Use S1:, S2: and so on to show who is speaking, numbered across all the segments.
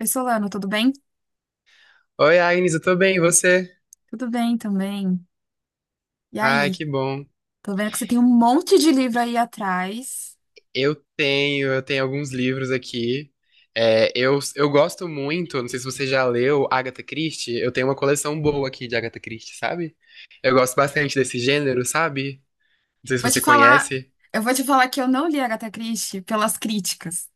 S1: Oi, Solano, tudo bem?
S2: Oi, Agnes, eu tô bem, e você?
S1: Tudo bem também. E
S2: Ai,
S1: aí?
S2: que bom.
S1: Tô vendo que você tem um monte de livro aí atrás.
S2: Eu tenho alguns livros aqui. Eu gosto muito, não sei se você já leu Agatha Christie, eu tenho uma coleção boa aqui de Agatha Christie, sabe? Eu gosto bastante desse gênero, sabe? Não sei se
S1: Vou te
S2: você
S1: falar,
S2: conhece.
S1: eu vou te falar que eu não li Agatha Christie pelas críticas,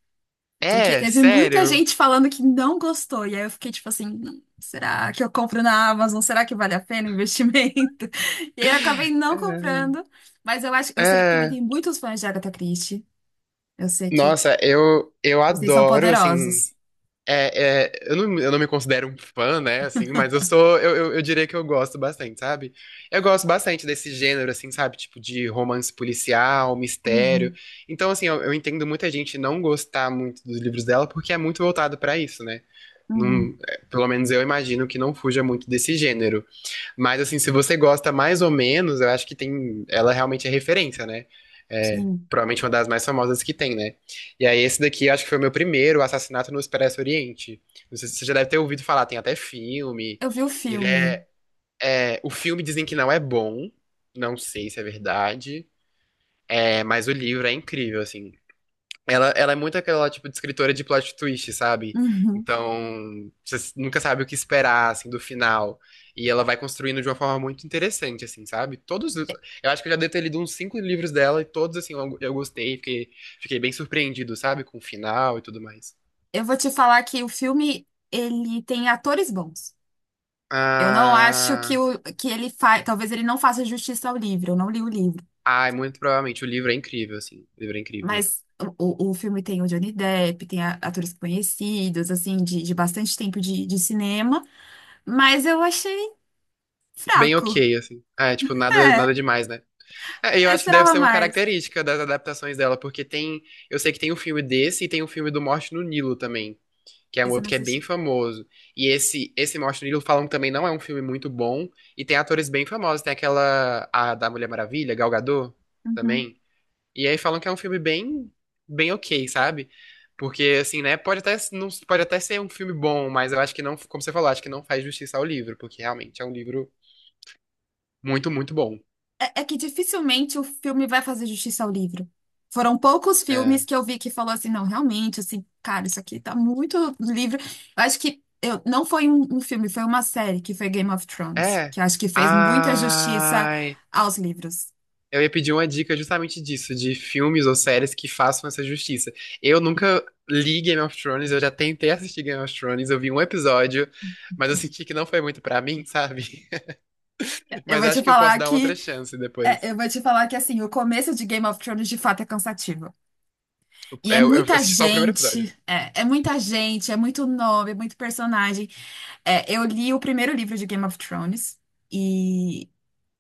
S1: porque
S2: É,
S1: teve muita
S2: sério.
S1: gente falando que não gostou, e aí eu fiquei tipo assim, será que eu compro na Amazon? Será que vale a pena o investimento?" E aí eu acabei não
S2: É.
S1: comprando, mas eu acho, eu sei que também
S2: É.
S1: tem muitos fãs de Agatha Christie. Eu sei que
S2: Nossa, eu
S1: vocês são
S2: adoro, assim.
S1: poderosos.
S2: É, é, eu não me considero um fã, né, assim, mas eu sou, eu diria que eu gosto bastante, sabe? Eu gosto bastante desse gênero, assim, sabe? Tipo, de romance policial, mistério.
S1: Uhum,
S2: Então, assim, eu entendo muita gente não gostar muito dos livros dela porque é muito voltado pra isso, né?
S1: uhum,
S2: Não, é, pelo menos eu imagino que não fuja muito desse gênero. Mas assim, se você gosta mais ou menos, eu acho que tem. Ela realmente é referência, né? É,
S1: sim.
S2: provavelmente uma das mais famosas que tem, né? E aí, esse daqui eu acho que foi o meu primeiro, o Assassinato no Expresso Oriente. Não sei se você já deve ter ouvido falar, tem até filme.
S1: Eu vi o
S2: Ele
S1: filme.
S2: é, é. O filme dizem que não é bom. Não sei se é verdade. É, mas o livro é incrível, assim. Ela é muito aquela, tipo, de escritora de plot twist, sabe?
S1: Uhum.
S2: Então, você nunca sabe o que esperar, assim, do final. E ela vai construindo de uma forma muito interessante, assim, sabe? Eu acho que eu já devo ter lido uns cinco livros dela e todos, assim, eu gostei, fiquei bem surpreendido, sabe? Com o final e tudo mais.
S1: Eu vou te falar que o filme, ele tem atores bons. Eu não acho que,
S2: Ah,
S1: que ele faz. Talvez ele não faça justiça ao livro, eu não li o livro.
S2: ai, muito provavelmente o livro é incrível, assim. O livro é incrível.
S1: Mas o filme tem o Johnny Depp, tem a- atores conhecidos, assim, de bastante tempo de cinema. Mas eu achei
S2: Bem
S1: fraco.
S2: ok, assim. Ah, é, tipo, nada,
S1: É,
S2: nada demais, né? É, eu
S1: eu
S2: acho que deve
S1: esperava
S2: ser uma
S1: mais.
S2: característica das adaptações dela, porque tem, eu sei que tem um filme desse e tem um filme do Morte no Nilo também, que é um
S1: Isso eu não
S2: outro que é bem
S1: assisti.
S2: famoso. E esse Morte no Nilo falam que também não é um filme muito bom e tem atores bem famosos, tem aquela a da Mulher Maravilha, Gal Gadot
S1: Uhum.
S2: também. E aí falam que é um filme bem bem OK, sabe? Porque assim, né, pode até não pode até ser um filme bom, mas eu acho que não, como você falou, acho que não faz justiça ao livro, porque realmente é um livro muito, muito bom.
S1: É que dificilmente o filme vai fazer justiça ao livro. Foram poucos filmes
S2: É.
S1: que eu vi que falou assim, não, realmente, assim, cara, isso aqui tá muito do livro. Eu acho que eu, não foi um, um filme, foi uma série que foi Game of Thrones,
S2: É.
S1: que eu acho que fez muita justiça
S2: Ai.
S1: aos livros.
S2: Eu ia pedir uma dica justamente disso, de filmes ou séries que façam essa justiça. Eu nunca li Game of Thrones, eu já tentei assistir Game of Thrones, eu vi um episódio, mas eu senti que não foi muito pra mim, sabe?
S1: Eu
S2: Mas
S1: vou te
S2: acho que eu posso
S1: falar
S2: dar uma
S1: que,
S2: outra chance depois.
S1: eu vou te falar que assim, o começo de Game of Thrones de fato é cansativo. E é
S2: Eu
S1: muita
S2: assisti só o primeiro episódio.
S1: gente, é muita gente, é muito nome, é muito personagem. É, eu li o primeiro livro de Game of Thrones. E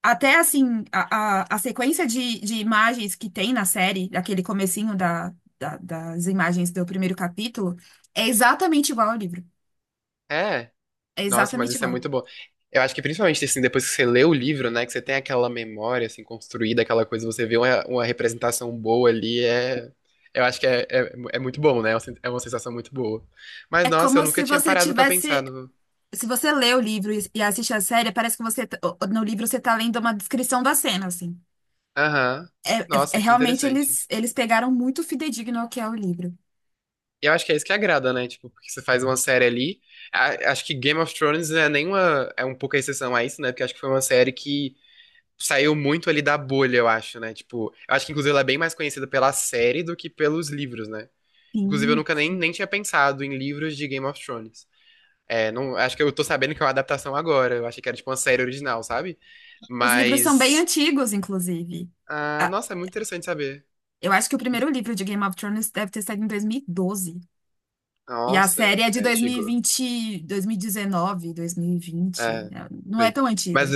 S1: até assim, a sequência de imagens que tem na série, daquele comecinho da, da- das imagens do primeiro capítulo, é exatamente igual ao livro.
S2: É.
S1: É
S2: Nossa, mas
S1: exatamente
S2: isso é
S1: igual.
S2: muito bom. Eu acho que principalmente assim, depois que você lê o livro, né, que você tem aquela memória assim construída, aquela coisa, você vê uma representação boa ali, é, eu acho que é muito bom, né? É uma sensação muito boa. Mas
S1: É
S2: nossa, eu
S1: como
S2: nunca
S1: se
S2: tinha
S1: você
S2: parado pra pensar
S1: tivesse.
S2: no.
S1: Se você lê o livro e assiste a série, parece que você, t- o- no livro você tá lendo uma descrição da cena, assim.
S2: Aham.
S1: É, é- é
S2: Nossa, que
S1: realmente
S2: interessante.
S1: eles, eles pegaram muito fidedigno ao que é o livro.
S2: E eu acho que é isso que agrada, né? Tipo, porque você faz uma série ali. Acho que Game of Thrones é um pouco a exceção a isso, né? Porque acho que foi uma série que saiu muito ali da bolha, eu acho, né? Tipo, eu acho que inclusive ela é bem mais conhecida pela série do que pelos livros, né? Inclusive, eu
S1: Sim.
S2: nunca nem tinha pensado em livros de Game of Thrones. É, não, acho que eu tô sabendo que é uma adaptação agora. Eu achei que era tipo uma série original, sabe?
S1: Os livros são bem
S2: Mas.
S1: antigos, inclusive.
S2: Ah,
S1: Ah,
S2: nossa, é muito interessante saber.
S1: eu acho que o primeiro livro de Game of Thrones deve ter saído em dois mil e doze. E a
S2: Nossa,
S1: série é de
S2: é
S1: dois mil e
S2: antigo.
S1: vinte, dois mil e dezenove, dois mil e vinte, 2020, 2019,
S2: É,
S1: 2020. Né? Não é
S2: foi.
S1: tão
S2: Mas,
S1: antiga.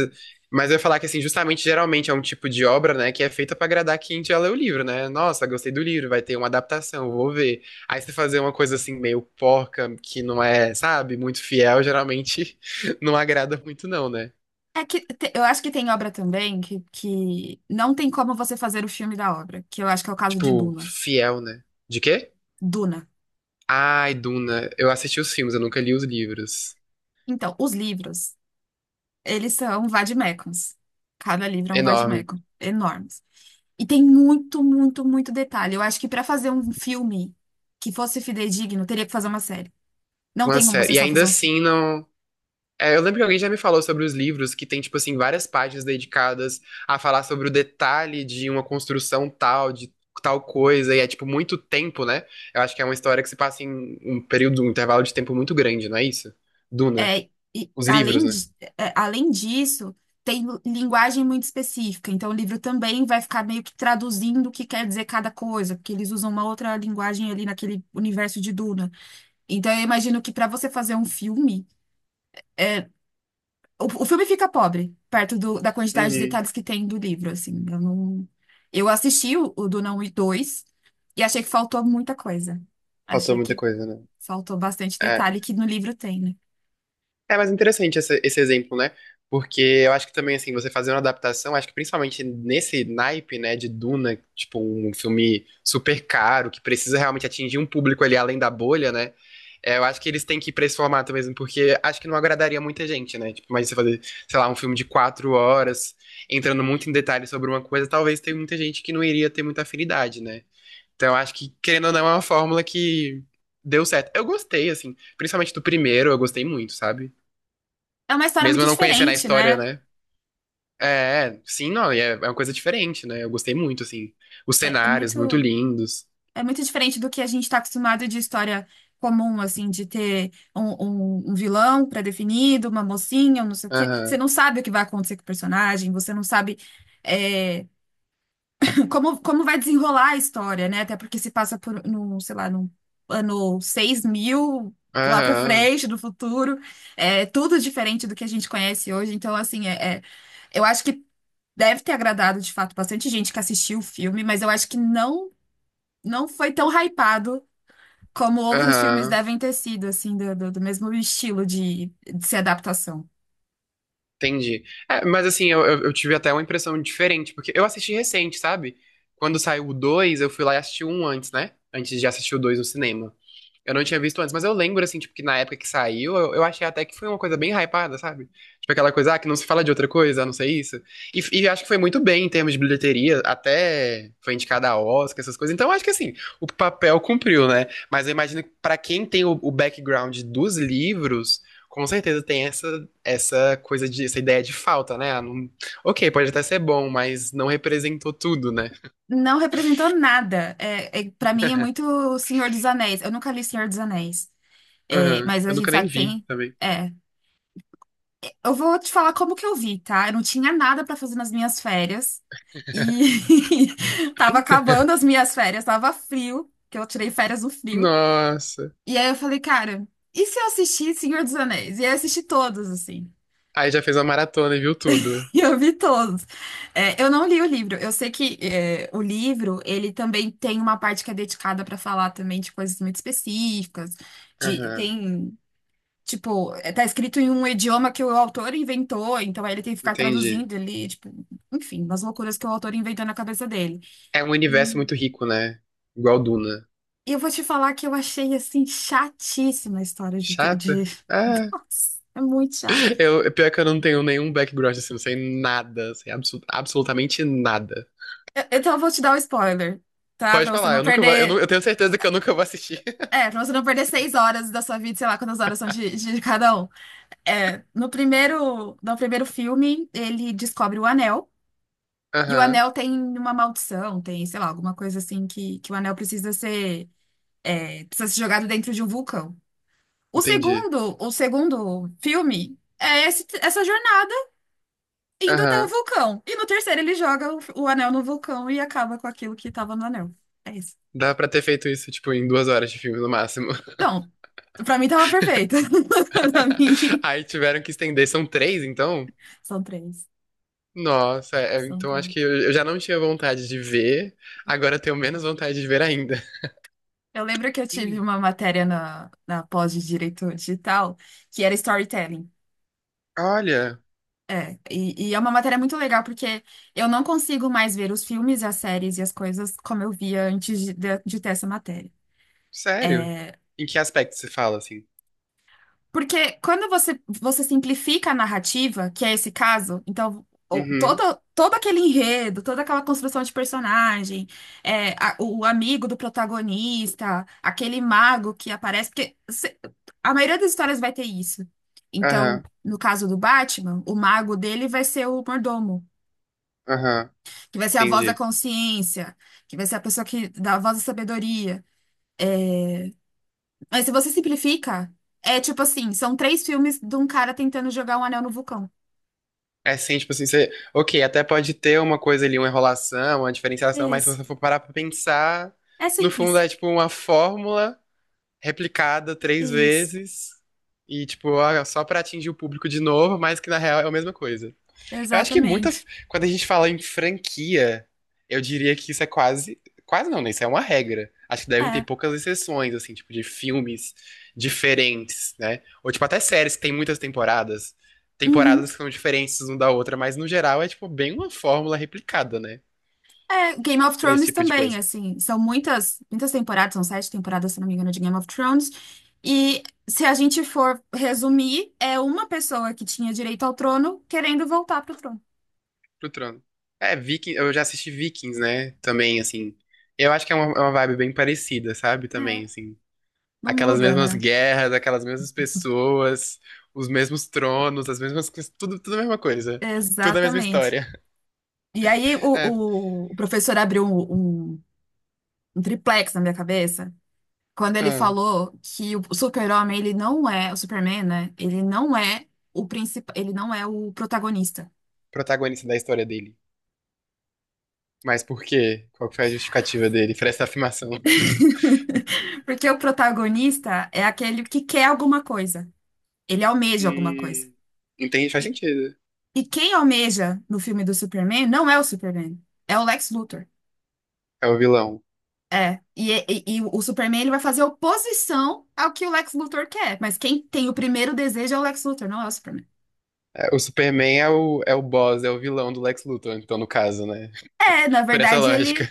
S2: mas eu ia falar que, assim, justamente, geralmente é um tipo de obra, né, que é feita pra agradar quem já leu o livro, né? Nossa, gostei do livro, vai ter uma adaptação, vou ver. Aí você fazer uma coisa, assim, meio porca, que não é, sabe, muito fiel, geralmente não agrada muito, não, né?
S1: É que te- eu acho que tem obra também que não tem como você fazer o filme da obra, que eu acho que é o caso de
S2: Tipo,
S1: Duna.
S2: fiel, né? De quê?
S1: Duna.
S2: Ai, Duna, eu assisti os filmes, eu nunca li os livros.
S1: Então, os livros, eles são vademecums. Cada livro é um
S2: Enorme.
S1: vademecum, enormes. E tem muito, muito, muito detalhe. Eu acho que para fazer um filme que fosse fidedigno, teria que fazer uma série. Não
S2: Uma
S1: tem como você
S2: série. E
S1: só
S2: ainda
S1: fazer um filme.
S2: assim, não. É, eu lembro que alguém já me falou sobre os livros que tem, tipo assim, várias páginas dedicadas a falar sobre o detalhe de uma construção tal, de tal coisa, e é, tipo, muito tempo, né? Eu acho que é uma história que se passa em um período, um intervalo de tempo muito grande, não é isso? Duna.
S1: É, e
S2: Os livros,
S1: além
S2: né?
S1: de, é, além disso, tem linguagem muito específica, então o livro também vai ficar meio que traduzindo o que quer dizer cada coisa, porque eles usam uma outra linguagem ali naquele universo de Duna. Então eu imagino que para você fazer um filme, o filme fica pobre, perto do- da quantidade de
S2: Uhum.
S1: detalhes que tem do livro, assim. Eu não, eu assisti o Duna 1 e 2 e achei que faltou muita coisa.
S2: Faltou
S1: Achei
S2: muita
S1: que
S2: coisa, né?
S1: faltou bastante
S2: É.
S1: detalhe que no livro tem, né?
S2: É mais interessante esse exemplo, né? Porque eu acho que também, assim, você fazer uma adaptação, acho que principalmente nesse naipe, né, de Duna, tipo, um filme super caro, que precisa realmente atingir um público ali além da bolha, né? É, eu acho que eles têm que ir pra esse formato mesmo, porque acho que não agradaria muita gente, né? Tipo, imagina você fazer, sei lá, um filme de 4 horas, entrando muito em detalhes sobre uma coisa, talvez tenha muita gente que não iria ter muita afinidade, né? Então, eu acho que, querendo ou não, é uma fórmula que deu certo. Eu gostei, assim, principalmente do primeiro, eu gostei muito, sabe?
S1: É uma história
S2: Mesmo
S1: muito
S2: eu não conhecendo a
S1: diferente,
S2: história,
S1: né?
S2: né? É, é, sim, não, e é uma coisa diferente, né? Eu gostei muito, assim. Os
S1: É, é
S2: cenários, muito
S1: muito.
S2: lindos.
S1: É muito diferente do que a gente está acostumado de história comum, assim, de ter um vilão pré-definido, uma mocinha, um não sei o quê. Você
S2: Aham,
S1: não sabe o que vai acontecer com o personagem, você não sabe é, como vai desenrolar a história, né? Até porque se passa por, no sei lá, no ano 6 mil, lá pra
S2: aham,
S1: frente, no futuro. É tudo diferente do que a gente conhece hoje. Então, assim, eu acho que deve ter agradado, de fato, bastante gente que assistiu o filme, mas eu acho que não, não foi tão hypado como outros filmes
S2: aham.
S1: devem ter sido, assim, do mesmo estilo de ser adaptação.
S2: Entendi. É, mas assim, eu tive até uma impressão diferente, porque eu assisti recente, sabe? Quando saiu o 2, eu fui lá e assisti um antes, né? Antes de assistir o 2 no cinema. Eu não tinha visto antes, mas eu lembro, assim, tipo, que na época que saiu, eu achei até que foi uma coisa bem hypada, sabe? Tipo, aquela coisa, ah, que não se fala de outra coisa, a não ser isso. E acho que foi muito bem em termos de bilheteria, até foi indicada a Oscar, essas coisas. Então, acho que, assim, o papel cumpriu, né? Mas eu imagino que pra quem tem o background dos livros, com certeza tem essa coisa de, essa ideia de falta, né? Ah, ok, pode até ser bom, mas não representou tudo, né?
S1: Não representou nada. É, para mim é muito Senhor dos Anéis. Eu nunca li Senhor dos Anéis. É,
S2: Aham.
S1: mas a
S2: Eu
S1: gente
S2: nunca nem
S1: sabe que
S2: vi
S1: tem.
S2: também.
S1: É. Eu vou te falar como que eu vi, tá? Eu não tinha nada pra fazer nas minhas férias. E tava acabando as minhas férias, tava frio, que eu tirei férias no frio.
S2: Nossa.
S1: E aí eu falei, cara, e se eu assistir Senhor dos Anéis? E aí eu assisti todos, assim.
S2: Aí já fez uma maratona e viu tudo.
S1: Eu vi todos. É, eu não li o livro. Eu sei que o livro ele também tem uma parte que é dedicada para falar também de coisas muito específicas. De
S2: Aham,
S1: tem, tá escrito em um idioma que o autor inventou, então aí ele tem que ficar
S2: entendi.
S1: traduzindo ali, tipo, enfim, umas loucuras que o autor inventou na cabeça dele.
S2: É um universo
S1: Hum.
S2: muito rico, né? Igual Duna.
S1: E eu vou te falar que eu achei assim chatíssima a história de...
S2: Chata? Ah,
S1: Nossa, é muito chato.
S2: eu, é pior que eu não tenho nenhum background assim, não sei nada, sei absolutamente nada.
S1: Eu- então eu vou te dar um spoiler, tá?
S2: Pode
S1: Pra você
S2: falar,
S1: não
S2: eu nunca vou, eu,
S1: perder.
S2: nu- eu tenho certeza que eu nunca vou assistir.
S1: É, pra você não perder 6 horas da sua vida, sei lá quantas horas são de cada um. É, no primeiro filme, ele descobre o anel. E o
S2: Aham,
S1: anel tem uma maldição, tem, sei lá, alguma coisa assim que o anel precisa ser, precisa ser jogado dentro de um vulcão.
S2: entendi.
S1: O segundo filme é esse- essa jornada indo até o
S2: Aham.
S1: vulcão. E no terceiro ele joga o anel no vulcão e acaba com aquilo que tava no anel. É isso.
S2: Dá pra ter feito isso, tipo, em 2 horas de filme no máximo.
S1: Não, pra mim tava perfeito. Pra mim,
S2: Aí tiveram que estender, são três, então?
S1: são três.
S2: Nossa, é, então acho que
S1: Completo.
S2: eu já não tinha vontade de ver, agora eu tenho menos vontade de ver ainda.
S1: Eu lembro que eu tive uma matéria na, na pós de Direito Digital que era storytelling.
S2: Olha,
S1: É, é uma matéria muito legal porque eu não consigo mais ver os filmes, as séries e as coisas como eu via antes de, de ter essa matéria.
S2: sério? Em que aspecto você fala assim?
S1: Porque quando você, você simplifica a narrativa, que é esse caso, então o- todo,
S2: Uhum,
S1: todo aquele enredo, toda aquela construção de personagem, a- o amigo do protagonista, aquele mago que aparece, porque se- a maioria das histórias vai ter isso. Então,
S2: aham,
S1: no caso do Batman, o mago dele vai ser o mordomo,
S2: aham,
S1: que vai ser a voz da
S2: entendi.
S1: consciência, que vai ser a pessoa que dá a voz da sabedoria. É, Mas se você simplifica, é tipo assim, são três filmes de um cara tentando jogar um anel no vulcão.
S2: É sim, tipo assim, você. Ok, até pode ter uma coisa ali, uma enrolação, uma diferenciação, mas se
S1: Isso.
S2: você for parar pra pensar,
S1: É
S2: no fundo
S1: simples.
S2: é tipo uma fórmula replicada três
S1: Isso.
S2: vezes e, tipo, ó, só pra atingir o público de novo, mas que na real é a mesma coisa. Eu acho que muita.
S1: Exatamente.
S2: Quando a gente fala em franquia, eu diria que isso é quase. Quase não, né? Isso é uma regra. Acho que devem ter
S1: É.
S2: poucas exceções, assim, tipo, de filmes diferentes, né? Ou, tipo, até séries que tem muitas temporadas. Temporadas
S1: Uhum.
S2: que são diferentes uma da outra, mas no geral é, tipo, bem uma fórmula replicada, né?
S1: É, Game of
S2: Pra esse
S1: Thrones
S2: tipo de
S1: também,
S2: coisa.
S1: assim, são muitas, muitas temporadas, são 7 temporadas, se não me engano, de Game of Thrones. E se a gente for resumir, é uma pessoa que tinha direito ao trono querendo voltar pro trono.
S2: Pro Trono. É, Viking, eu já assisti Vikings, né? Também, assim. Eu acho que é uma vibe bem parecida, sabe?
S1: É,
S2: Também, assim.
S1: não
S2: Aquelas
S1: muda,
S2: mesmas
S1: né?
S2: guerras, aquelas mesmas pessoas, os mesmos tronos, as mesmas coisas, tudo, tudo a mesma coisa. Tudo a mesma
S1: Exatamente.
S2: história.
S1: E aí
S2: É,
S1: o professor abriu um triplex na minha cabeça. Quando ele
S2: ah,
S1: falou que o Super-Homem, ele não é o Superman, né? Ele não é o principal, ele não é o protagonista.
S2: protagonista da história dele. Mas por quê? Qual que foi a justificativa dele pra essa afirmação?
S1: Porque o protagonista é aquele que quer alguma coisa. Ele almeja alguma coisa.
S2: Hum, entende? Faz
S1: E,
S2: sentido.
S1: e quem almeja no filme do Superman não é o Superman, é o Lex Luthor.
S2: É o vilão.
S1: É, e o Superman ele vai fazer oposição ao que o Lex Luthor quer, mas quem tem o primeiro desejo é o Lex Luthor, não é o Superman.
S2: É, o Superman é o boss, é o vilão do Lex Luthor, então, no caso, né?
S1: É, na
S2: Por essa
S1: verdade, ele.
S2: lógica.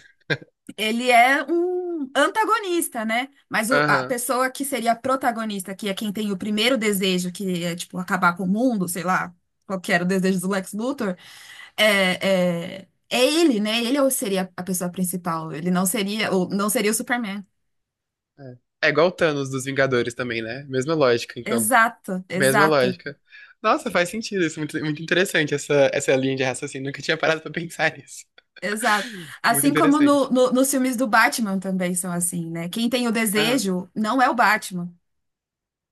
S1: Ele é um antagonista, né? Mas o- a
S2: Aham.
S1: pessoa que seria a protagonista, que é quem tem o primeiro desejo, que é, tipo, acabar com o mundo, sei lá, qual que era o desejo do Lex Luthor, é ele, né? Ele ou seria a pessoa principal. Ele não seria, ou não seria o Superman.
S2: É. É igual o Thanos dos Vingadores também, né? Mesma lógica, então.
S1: Exato,
S2: Mesma
S1: exato,
S2: lógica. Nossa, faz sentido isso. Muito, muito interessante essa linha de raciocínio. Nunca tinha parado pra pensar nisso.
S1: exato.
S2: Muito
S1: Assim como
S2: interessante.
S1: nos filmes do Batman também são assim, né? Quem tem o
S2: Aham,
S1: desejo não é o Batman.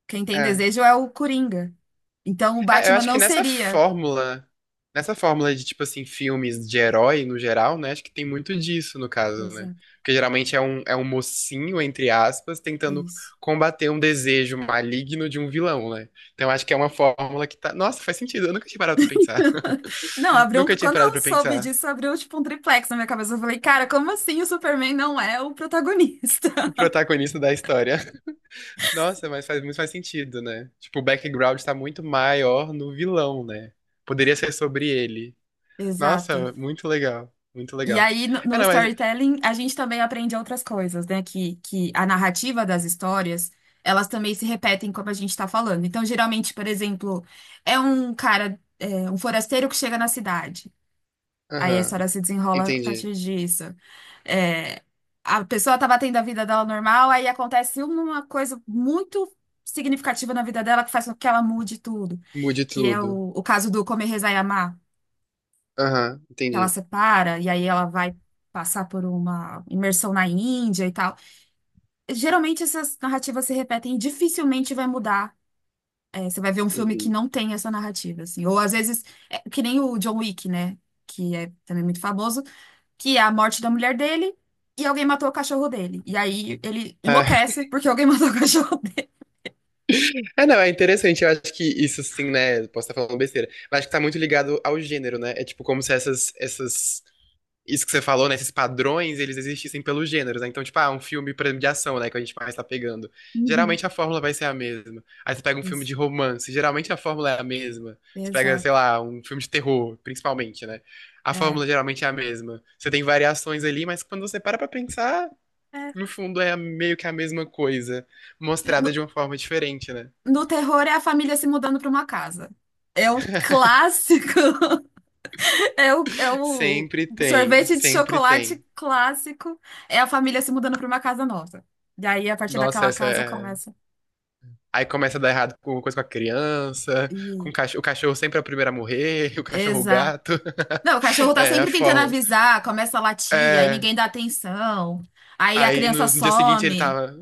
S1: Quem tem
S2: é.
S1: desejo é o Coringa. Então o
S2: É, eu
S1: Batman
S2: acho que
S1: não
S2: nessa
S1: seria.
S2: fórmula, nessa fórmula de, tipo assim, filmes de herói no geral, né? Acho que tem muito disso no caso, né?
S1: Exato.
S2: Porque geralmente é um mocinho, entre aspas, tentando
S1: Isso.
S2: combater um desejo maligno de um vilão, né? Então acho que é uma fórmula que tá. Nossa, faz sentido. Eu nunca tinha parado pra pensar.
S1: Não, abriu um...
S2: Nunca tinha
S1: Quando
S2: parado
S1: eu
S2: pra
S1: soube
S2: pensar.
S1: disso, abriu tipo um triplex na minha cabeça. Eu falei, cara, como assim o Superman não é o protagonista?
S2: O protagonista da história. Nossa, mas faz muito mais sentido, né? Tipo, o background tá muito maior no vilão, né? Poderia ser sobre ele.
S1: Exato.
S2: Nossa, muito legal. Muito
S1: E
S2: legal.
S1: aí,
S2: Ah,
S1: no
S2: não, mas.
S1: storytelling, a gente também aprende outras coisas, né? Que a narrativa das histórias, elas também se repetem como a gente tá falando. Então, geralmente, por exemplo, é um cara, é, um forasteiro que chega na cidade. Aí a
S2: Aham,
S1: história se desenrola a
S2: entendi.
S1: partir disso. É, a pessoa estava tendo a vida dela normal, aí acontece uma coisa muito significativa na vida dela que faz com que ela mude tudo,
S2: Mude
S1: que é
S2: tudo.
S1: o caso do Comer, Rezar e Amar,
S2: Aham,
S1: que ela
S2: entendi.
S1: separa e aí ela vai passar por uma imersão na Índia e tal. Geralmente essas narrativas se repetem e dificilmente vai mudar. É, você vai ver um filme que
S2: Uhum.
S1: não tem essa narrativa, assim. Ou às vezes, é, que nem o John Wick, né? Que é também muito famoso. Que é a morte da mulher dele e alguém matou o cachorro dele. E aí ele
S2: Ah,
S1: enlouquece porque alguém matou o cachorro dele.
S2: ah, não, é interessante. Eu acho que isso sim, né? Posso estar falando besteira. Mas acho que tá muito ligado ao gênero, né? É tipo como se essas isso que você falou, né? Esses padrões, eles existissem pelos gêneros, né? Então, tipo, ah, um filme por exemplo, de ação, né? Que a gente mais tá pegando.
S1: Uhum.
S2: Geralmente a fórmula vai ser a mesma. Aí você pega um filme
S1: Ex-
S2: de romance, geralmente a fórmula é a mesma. Você pega, sei
S1: exato.
S2: lá, um filme de terror, principalmente, né? A
S1: É.
S2: fórmula geralmente é a mesma. Você tem variações ali, mas quando você para pra pensar,
S1: É.
S2: no fundo é meio que a mesma coisa, mostrada
S1: No,
S2: de uma forma diferente, né?
S1: no terror é a família se mudando para uma casa. É o clássico. É o
S2: Sempre tem,
S1: sorvete de
S2: sempre
S1: chocolate
S2: tem.
S1: clássico. É a família se mudando para uma casa nova. E aí, a partir
S2: Nossa,
S1: daquela
S2: essa
S1: casa,
S2: é
S1: começa.
S2: Aí começa a dar errado com coisa com a criança, com
S1: E...
S2: o cachorro. O cachorro sempre é o primeiro a morrer, o cachorro o gato.
S1: Não, o cachorro tá
S2: É, a
S1: sempre tentando
S2: forma.
S1: avisar, começa a latir, aí
S2: É.
S1: ninguém dá atenção, aí a
S2: Aí
S1: criança
S2: no dia seguinte ele
S1: some.
S2: tava.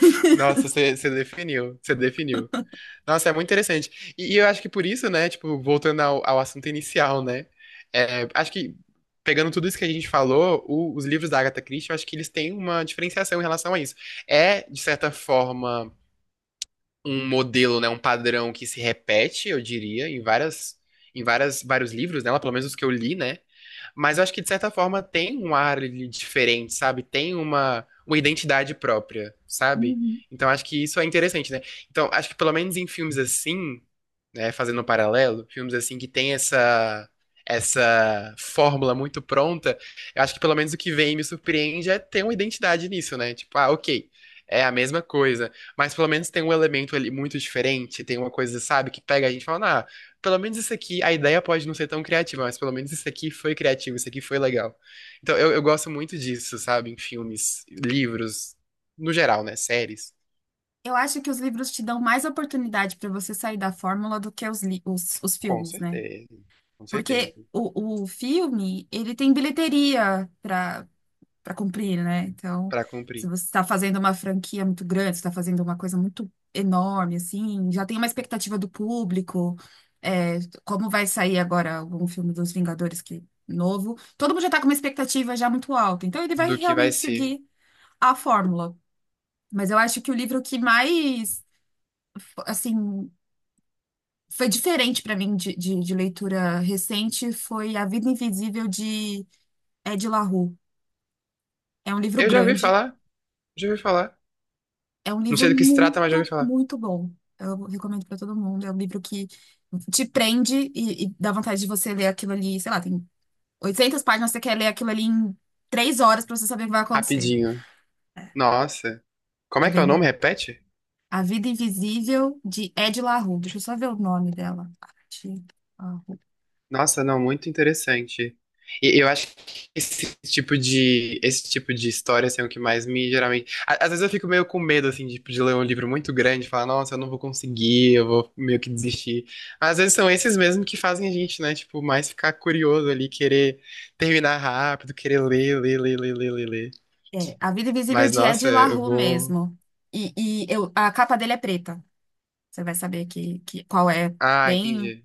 S2: Nossa, você definiu, você definiu. Nossa, é muito interessante. E eu acho que por isso, né, tipo, voltando ao assunto inicial, né? É, acho que pegando tudo isso que a gente falou, os livros da Agatha Christie, eu acho que eles têm uma diferenciação em relação a isso. É, de certa forma um modelo, né, um padrão que se repete, eu diria, em várias vários livros dela, pelo menos os que eu li, né? Mas eu acho que de certa forma tem um ar ali diferente, sabe? Tem uma identidade própria, sabe?
S1: Uhum.
S2: Então acho que isso é interessante, né? Então acho que pelo menos em filmes assim, né, fazendo um paralelo, filmes assim que tem essa fórmula muito pronta, eu acho que pelo menos o que vem e me surpreende é ter uma identidade nisso, né? Tipo, ah, ok, é a mesma coisa, mas pelo menos tem um elemento ali muito diferente, tem uma coisa, sabe, que pega a gente e fala, ah, pelo menos isso aqui, a ideia pode não ser tão criativa, mas pelo menos isso aqui foi criativo, isso aqui foi legal. Então eu gosto muito disso, sabe, em filmes, livros, no geral, né? Séries.
S1: Eu acho que os livros te dão mais oportunidade para você sair da fórmula do que os
S2: Com
S1: filmes, né?
S2: certeza, com certeza.
S1: Porque o filme, ele tem bilheteria para cumprir, né? Então,
S2: Pra
S1: se
S2: cumprir.
S1: você está fazendo uma franquia muito grande, você está fazendo uma coisa muito enorme, assim, já tem uma expectativa do público. É, como vai sair agora um filme dos Vingadores que novo? Todo mundo já está com uma expectativa já muito alta. Então, ele vai
S2: Do que vai
S1: realmente
S2: ser.
S1: seguir a fórmula. Mas eu acho que o livro que mais, assim, foi diferente para mim de, de leitura recente foi A Vida Invisível de Ed La Rue. É um livro
S2: Eu já ouvi
S1: grande.
S2: falar, já ouvi falar.
S1: É um
S2: Não
S1: livro
S2: sei do que se trata, mas já ouvi
S1: muito,
S2: falar.
S1: muito bom. Eu recomendo para todo mundo. É um livro que te prende e dá vontade de você ler aquilo ali. Sei lá, tem 800 páginas, você quer ler aquilo ali em 3 horas para você saber o que vai acontecer.
S2: Rapidinho. Nossa. Como
S1: É
S2: é que é
S1: bem
S2: o nome?
S1: bom.
S2: Repete?
S1: A Vida Invisível de Ed La Rue. Deixa eu só ver o nome dela. Ed La Rue.
S2: Nossa, não, muito interessante. E eu acho que esse tipo de história assim, é o que mais me geralmente. A- às vezes eu fico meio com medo assim de ler um livro muito grande, e falar, nossa, eu não vou conseguir, eu vou meio que desistir. Mas às vezes são esses mesmo que fazem a gente, né? Tipo, mais ficar curioso ali, querer terminar rápido, querer ler, ler, ler, ler, ler, ler, ler.
S1: É, A Vida Invisível
S2: Mas
S1: de
S2: nossa,
S1: Ed La
S2: eu
S1: Rue
S2: vou
S1: mesmo. E eu, a capa dele é preta. Você vai saber qual é.
S2: Ah,
S1: Bem
S2: entendi.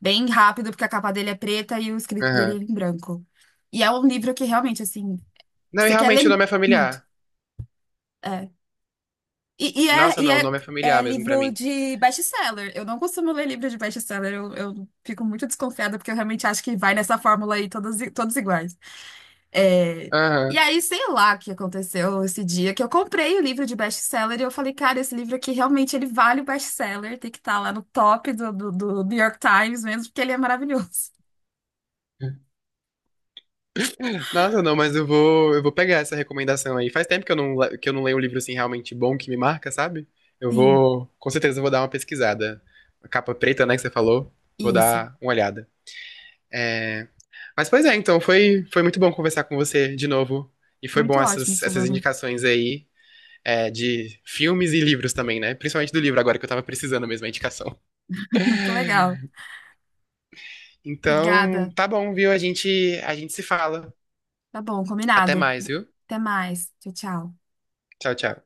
S1: Bem rápido, porque a capa dele é preta e o escrito dele
S2: Aham.
S1: é em branco. E é um livro que realmente, assim,
S2: Não, e
S1: você quer
S2: realmente o
S1: ler
S2: nome é
S1: muito.
S2: familiar.
S1: É.
S2: Nossa, não, o
S1: É,
S2: nome é
S1: é
S2: familiar mesmo pra
S1: livro
S2: mim.
S1: de best-seller. Eu não costumo ler livro de best-seller. Eu fico muito desconfiada, porque eu realmente acho que vai nessa fórmula aí, todos, i- todos iguais. É, e
S2: Aham.
S1: aí, sei lá o que aconteceu esse dia, que eu comprei o livro de best-seller e eu falei, cara, esse livro aqui realmente ele vale o best-seller, tem que estar lá no top do New York Times mesmo, porque ele é maravilhoso.
S2: Nossa, não, mas eu vou pegar essa recomendação aí. Faz tempo que eu não, que eu não leio um livro assim realmente bom que me marca, sabe? Eu
S1: Sim,
S2: vou, com certeza, eu vou dar uma pesquisada. A capa preta, né, que você falou. Vou
S1: isso.
S2: dar uma olhada. É... Mas pois é, então foi, foi muito bom conversar com você de novo. E foi
S1: Muito
S2: bom
S1: ótimo,
S2: essas
S1: Solano.
S2: indicações aí, é, de filmes e livros também, né? Principalmente do livro agora que eu tava precisando mesmo a indicação.
S1: Muito legal.
S2: Então,
S1: Obrigada.
S2: tá bom, viu? A gente se fala.
S1: Tá bom,
S2: Até
S1: combinado.
S2: mais, viu?
S1: Até mais. Tchau, tchau.
S2: Tchau, tchau.